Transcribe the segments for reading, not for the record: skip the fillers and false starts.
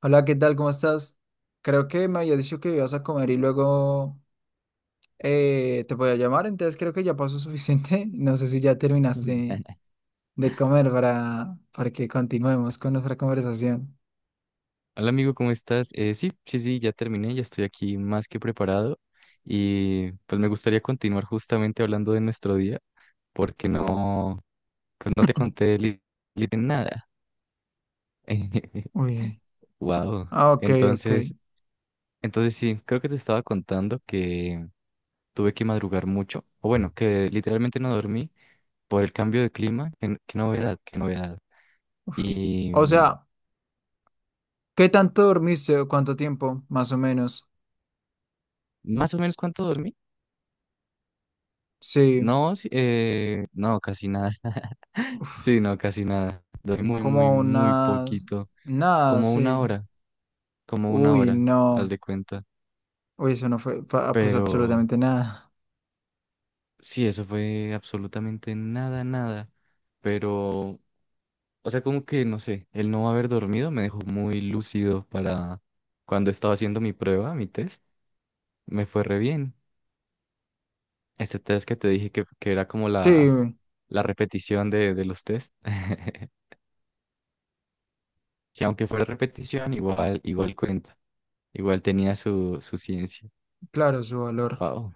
Hola, ¿qué tal? ¿Cómo estás? Creo que me había dicho que ibas a comer y luego te voy a llamar, entonces creo que ya pasó suficiente. No sé si ya Ujú. terminaste de comer para que continuemos con nuestra conversación. Hola amigo, ¿cómo estás? Sí, sí, sí, ya terminé, ya estoy aquí más que preparado y pues me gustaría continuar justamente hablando de nuestro día porque no, pues no te conté nada. Uy. Wow. Ah, ok, ok. Entonces sí, creo que te estaba contando que tuve que madrugar mucho, o bueno, que literalmente no dormí por el cambio de clima. Qué novedad, qué novedad. Uf. Y O sea, ¿qué tanto dormiste o cuánto tiempo, más o menos? más o menos cuánto dormí. Sí. No, sí, no, casi nada. Sí, Uf. no, casi nada. Dormí muy, muy, Como muy una. poquito. Nada, Como una sí. hora, como una Uy, hora, haz no. de cuenta. Uy, eso no fue, pues Pero absolutamente nada. sí, eso fue absolutamente nada, nada. Pero, o sea, como que, no sé, el no haber dormido me dejó muy lúcido para cuando estaba haciendo mi prueba, mi test. Me fue re bien. Este test que te dije que era como Sí, la repetición de los test. Que aunque fuera repetición, igual, igual cuenta. Igual tenía su, su ciencia. claro, su valor. Wow.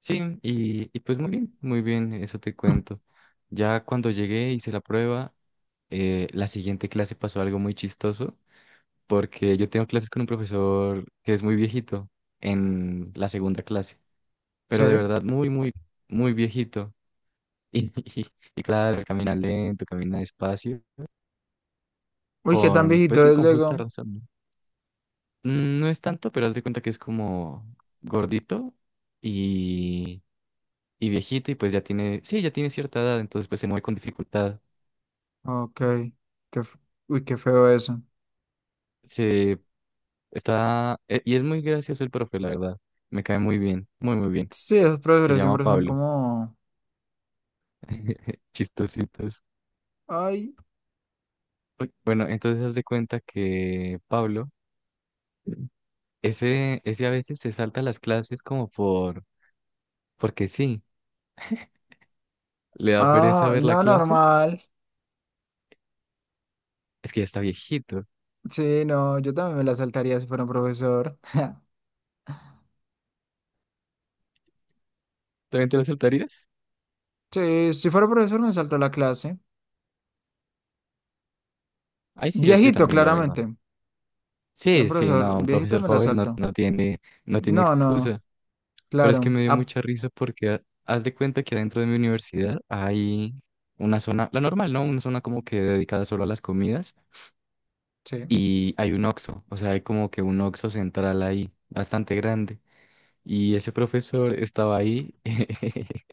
Sí, y pues muy bien, eso te cuento. Ya cuando llegué, hice la prueba, la siguiente clase pasó algo muy chistoso, porque yo tengo clases con un profesor que es muy viejito en la segunda clase, pero de Sí. verdad muy, muy, muy viejito. Y, y, y claro, camina lento, camina despacio, Uy, ¿qué tan con, pues viejito sí, es con justa luego? razón, ¿no? No es tanto, pero haz de cuenta que es como gordito y viejito y pues ya tiene, sí, ya tiene cierta edad, entonces pues se mueve con dificultad. Ok. Qué, f- uy, qué feo eso. Se y es muy gracioso el profe, la verdad. Me cae muy bien, muy, muy bien. Sí, esos Se profesores llama siempre son Pablo. como. Chistositos. Ay. Uy, bueno, entonces haz de cuenta que Pablo, ese a veces se salta las clases porque sí, le da pereza Ah, ver la no, clase. normal. Es que ya está viejito. Sí, no, yo también me la saltaría si fuera un profesor. ¿También te la saltarías? Sí, si fuera profesor me salto la clase. Ay, sí, yo Viejito, también, la verdad. claramente. Si un Sí, sí, no, profesor un viejito profesor me la joven no, salto. no tiene, no tiene No, no, excusa. Pero es que claro. me dio Ah, mucha risa porque haz de cuenta que adentro de mi universidad hay una zona, la normal, ¿no? Una zona como que dedicada solo a las comidas sí. y hay un Oxxo, o sea, hay como que un Oxxo central ahí, bastante grande. Y ese profesor estaba ahí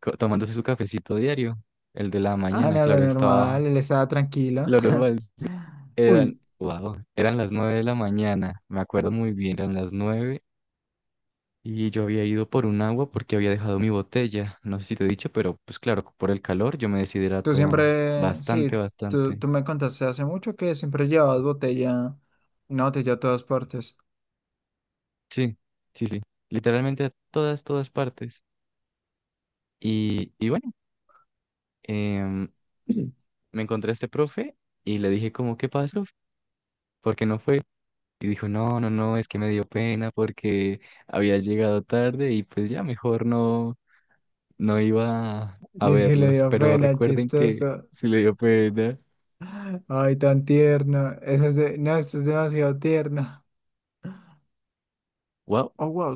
tomándose su cafecito diario, el de la Ah, mañana, no, lo claro, estaba normal, él estaba tranquilo. lo normal. Eran, Uy. wow, eran las 9 de la mañana, me acuerdo muy bien, eran las 9. Y yo había ido por un agua porque había dejado mi botella. No sé si te he dicho, pero pues claro, por el calor yo me Tú deshidrato siempre, sí, bastante, tú, bastante. tú me contaste hace mucho que siempre llevabas botella, una botella a todas partes. Sí, sí, sí. Literalmente a todas, todas partes. Y bueno, em, me encontré a este profe y le dije como, ¿qué pasó? ¿Por qué no fue? Y dijo, no, no, no, es que me dio pena porque había llegado tarde y pues ya mejor no, a Dice que le verlos. dio Pero pena, recuerden que chistoso. sí le dio pena. Ay, tan tierno. No, esto es demasiado tierno. Wow. Oh, wow.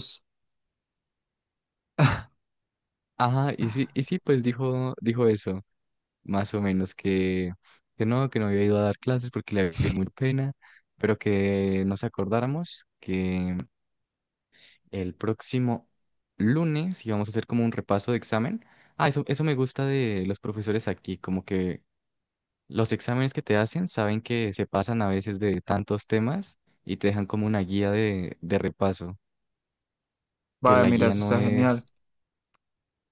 Ajá, y sí, pues dijo, eso, más o menos, que no había ido a dar clases porque le había muy pena, pero que nos acordáramos que el próximo lunes íbamos a hacer como un repaso de examen. Ah, eso me gusta de los profesores aquí, como que los exámenes que te hacen saben que se pasan a veces de tantos temas y te dejan como una guía de repaso, que Vaya, la mira, guía eso no está genial. es,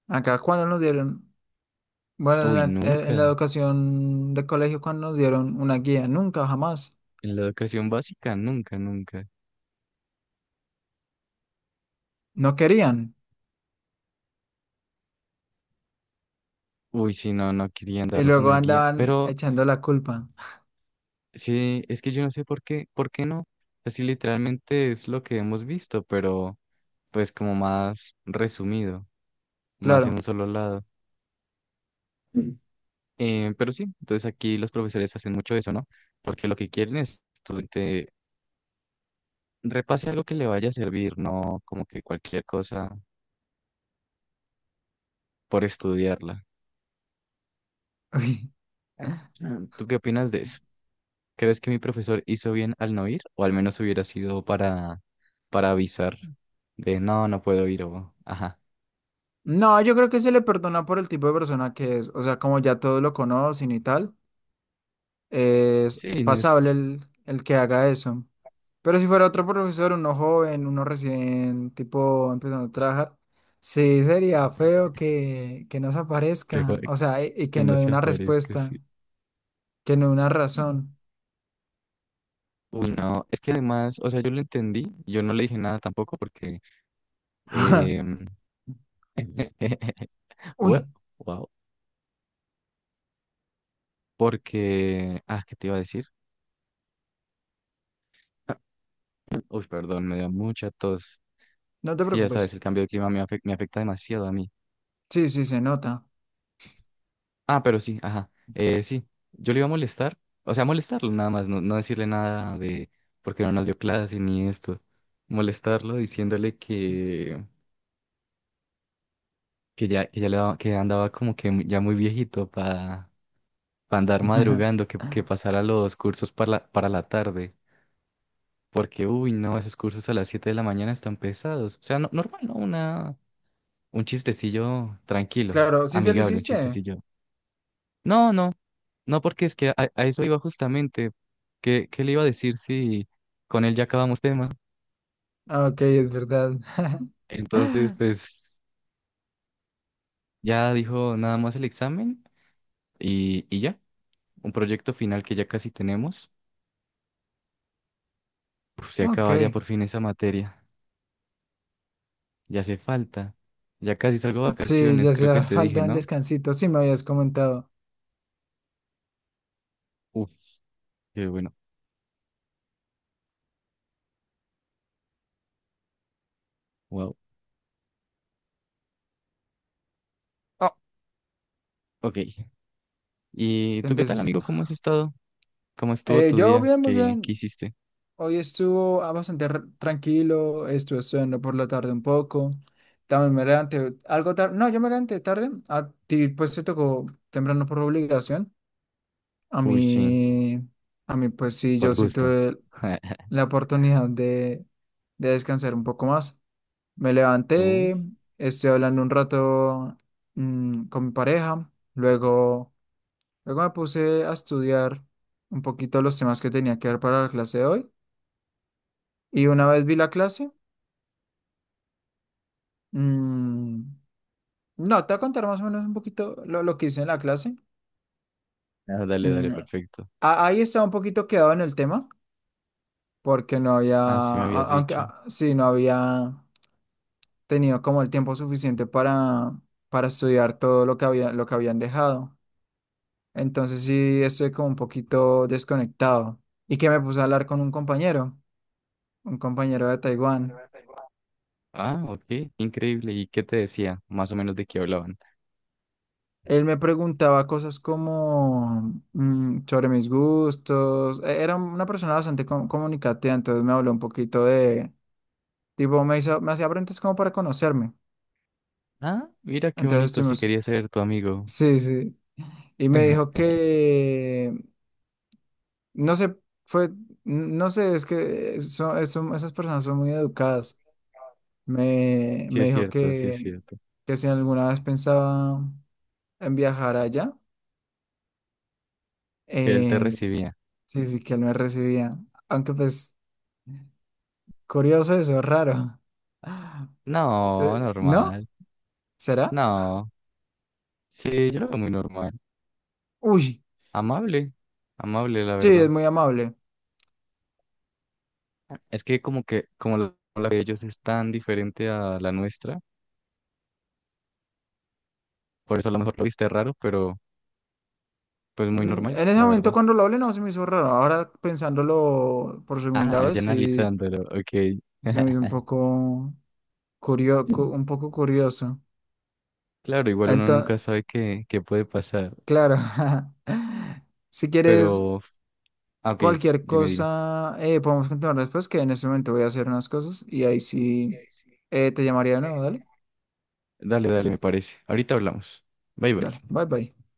¿Acá, cuándo nos dieron? Bueno, uy, en la nunca, educación de colegio, ¿cuando nos dieron una guía? Nunca, jamás. en la educación básica, nunca, nunca. No querían. Uy, sí, no querían Y darnos luego una guía, andaban pero echando la culpa. sí, es que yo no sé por qué no. Así literalmente es lo que hemos visto, pero pues como más resumido, más en Claro. un solo lado. Mm. Pero sí, entonces aquí los profesores hacen mucho eso, ¿no? Porque lo que quieren es que estudiante repase algo que le vaya a servir, no como que cualquier cosa por estudiarla. Ah. ¿Tú qué opinas de eso? ¿Crees que mi profesor hizo bien al no ir? O al menos hubiera sido para avisar de no, puedo ir o ajá. No, yo creo que se le perdona por el tipo de persona que es. O sea, como ya todos lo conocen y tal, es Sí, no es pasable el que haga eso. Pero si fuera otro profesor, uno joven, uno recién tipo empezando a trabajar, sí sería feo que no se que, pa- aparezca. O sea, y que que no no dé se una aparezca, respuesta, sí. que no dé una razón. Uy, no, es que además, o sea, yo lo entendí, yo no le dije nada tampoco porque, eh, Uy, wow, porque, ah, ¿qué te iba a decir? Uy, perdón, me dio mucha tos. no te Es que ya sabes, preocupes. el cambio de clima me afecta demasiado a mí. Sí, sí, se nota. Ah, pero sí, ajá. Sí, yo le iba a molestar, o sea, molestarlo nada más, no decirle nada de porque no nos dio clase ni esto. Molestarlo diciéndole que andaba como que ya muy viejito para andar madrugando, que pasara los cursos para la tarde. Porque, uy, no, esos cursos a las 7 de la mañana están pesados. O sea, normal, ¿no? Un chistecillo tranquilo, Claro, sí se lo amigable, un hiciste. chistecillo. No, no. No, porque es que a eso iba justamente. ¿Qué le iba a decir si con él ya acabamos tema? Ah, ok, es verdad. Entonces, pues ya dijo nada más el examen y ya, un proyecto final que ya casi tenemos. Uf, se Ok. acaba ya por fin esa materia. Ya hace falta. Ya casi salgo a Sí, vacaciones, ya creo que hacía te dije, falta un ¿no? descansito. Sí, me habías comentado. Uf, qué bueno. Wow. Ah, ok. ¿Y tú qué tal, Entonces, amigo? ¿Cómo has estado? ¿Cómo estuvo tu yo día? bien, muy ¿Qué bien. hiciste? Hoy estuvo tranquilo. Estuve estudiando por la tarde un poco. También me levanté algo tarde. No, yo me levanté tarde. A ti, pues, te tocó temprano por obligación. A Uy, sí, mí, a mí, pues, sí, yo por sí gusto. tuve la oportunidad de descansar un poco más. Me Uy. levanté, estoy hablando un rato con mi pareja. Luego. Luego me puse a estudiar un poquito los temas que tenía que ver para la clase de hoy. Y una vez vi la clase, mm, no, te voy a contar más o menos un poquito lo que hice en la clase. Ah, dale, dale, Mm, perfecto. Ahí estaba un poquito quedado en el tema, porque no había, Ah, sí me habías dicho. Sí, no había tenido como el tiempo suficiente para estudiar todo lo que había, lo que habían dejado. Entonces sí, estoy como un poquito desconectado. Y que me puse a hablar con un compañero de Taiwán. Ah, ok, increíble. ¿Y qué te decía? Más o menos de qué hablaban. Él me preguntaba cosas como sobre mis gustos. Era una persona bastante comunicativa, entonces me habló un poquito de, tipo, me hacía preguntas como para conocerme. Ah, mira qué Entonces bonito, si estuvimos, quería ser tu amigo. sí, sí. Y me dijo que, no sé, fue, no sé, es que son, esas personas son muy educadas. Sí Me es dijo cierto, sí es cierto. que si alguna vez pensaba en viajar allá, Que él te em, recibía. sí, sí, que él me recibía. Aunque pues. Curioso eso, raro. No, ¿No? normal. ¿Será? No. Sí, yo lo veo muy normal. Uy, Amable. Amable, la sí, es verdad. muy amable. Es que, como la de ellos es tan diferente a la nuestra, por eso a lo mejor lo viste raro, pero pues muy Mm, normal, en ese la momento verdad. cuando lo hablé no se me hizo raro. Ahora pensándolo por segunda Ah, ya vez sí analizándolo, ok. se me hizo un poco curioso, un poco curioso. Claro, igual uno nunca Entonces, sabe qué puede pasar, claro, si quieres pero... ah, ok, cualquier dime, dime. cosa, podemos continuar después, que en ese momento voy a hacer unas cosas y ahí sí te llamaría de nuevo. Dale, Dale, dale, me parece. Ahorita hablamos. Bye, bye. dale, bye bye.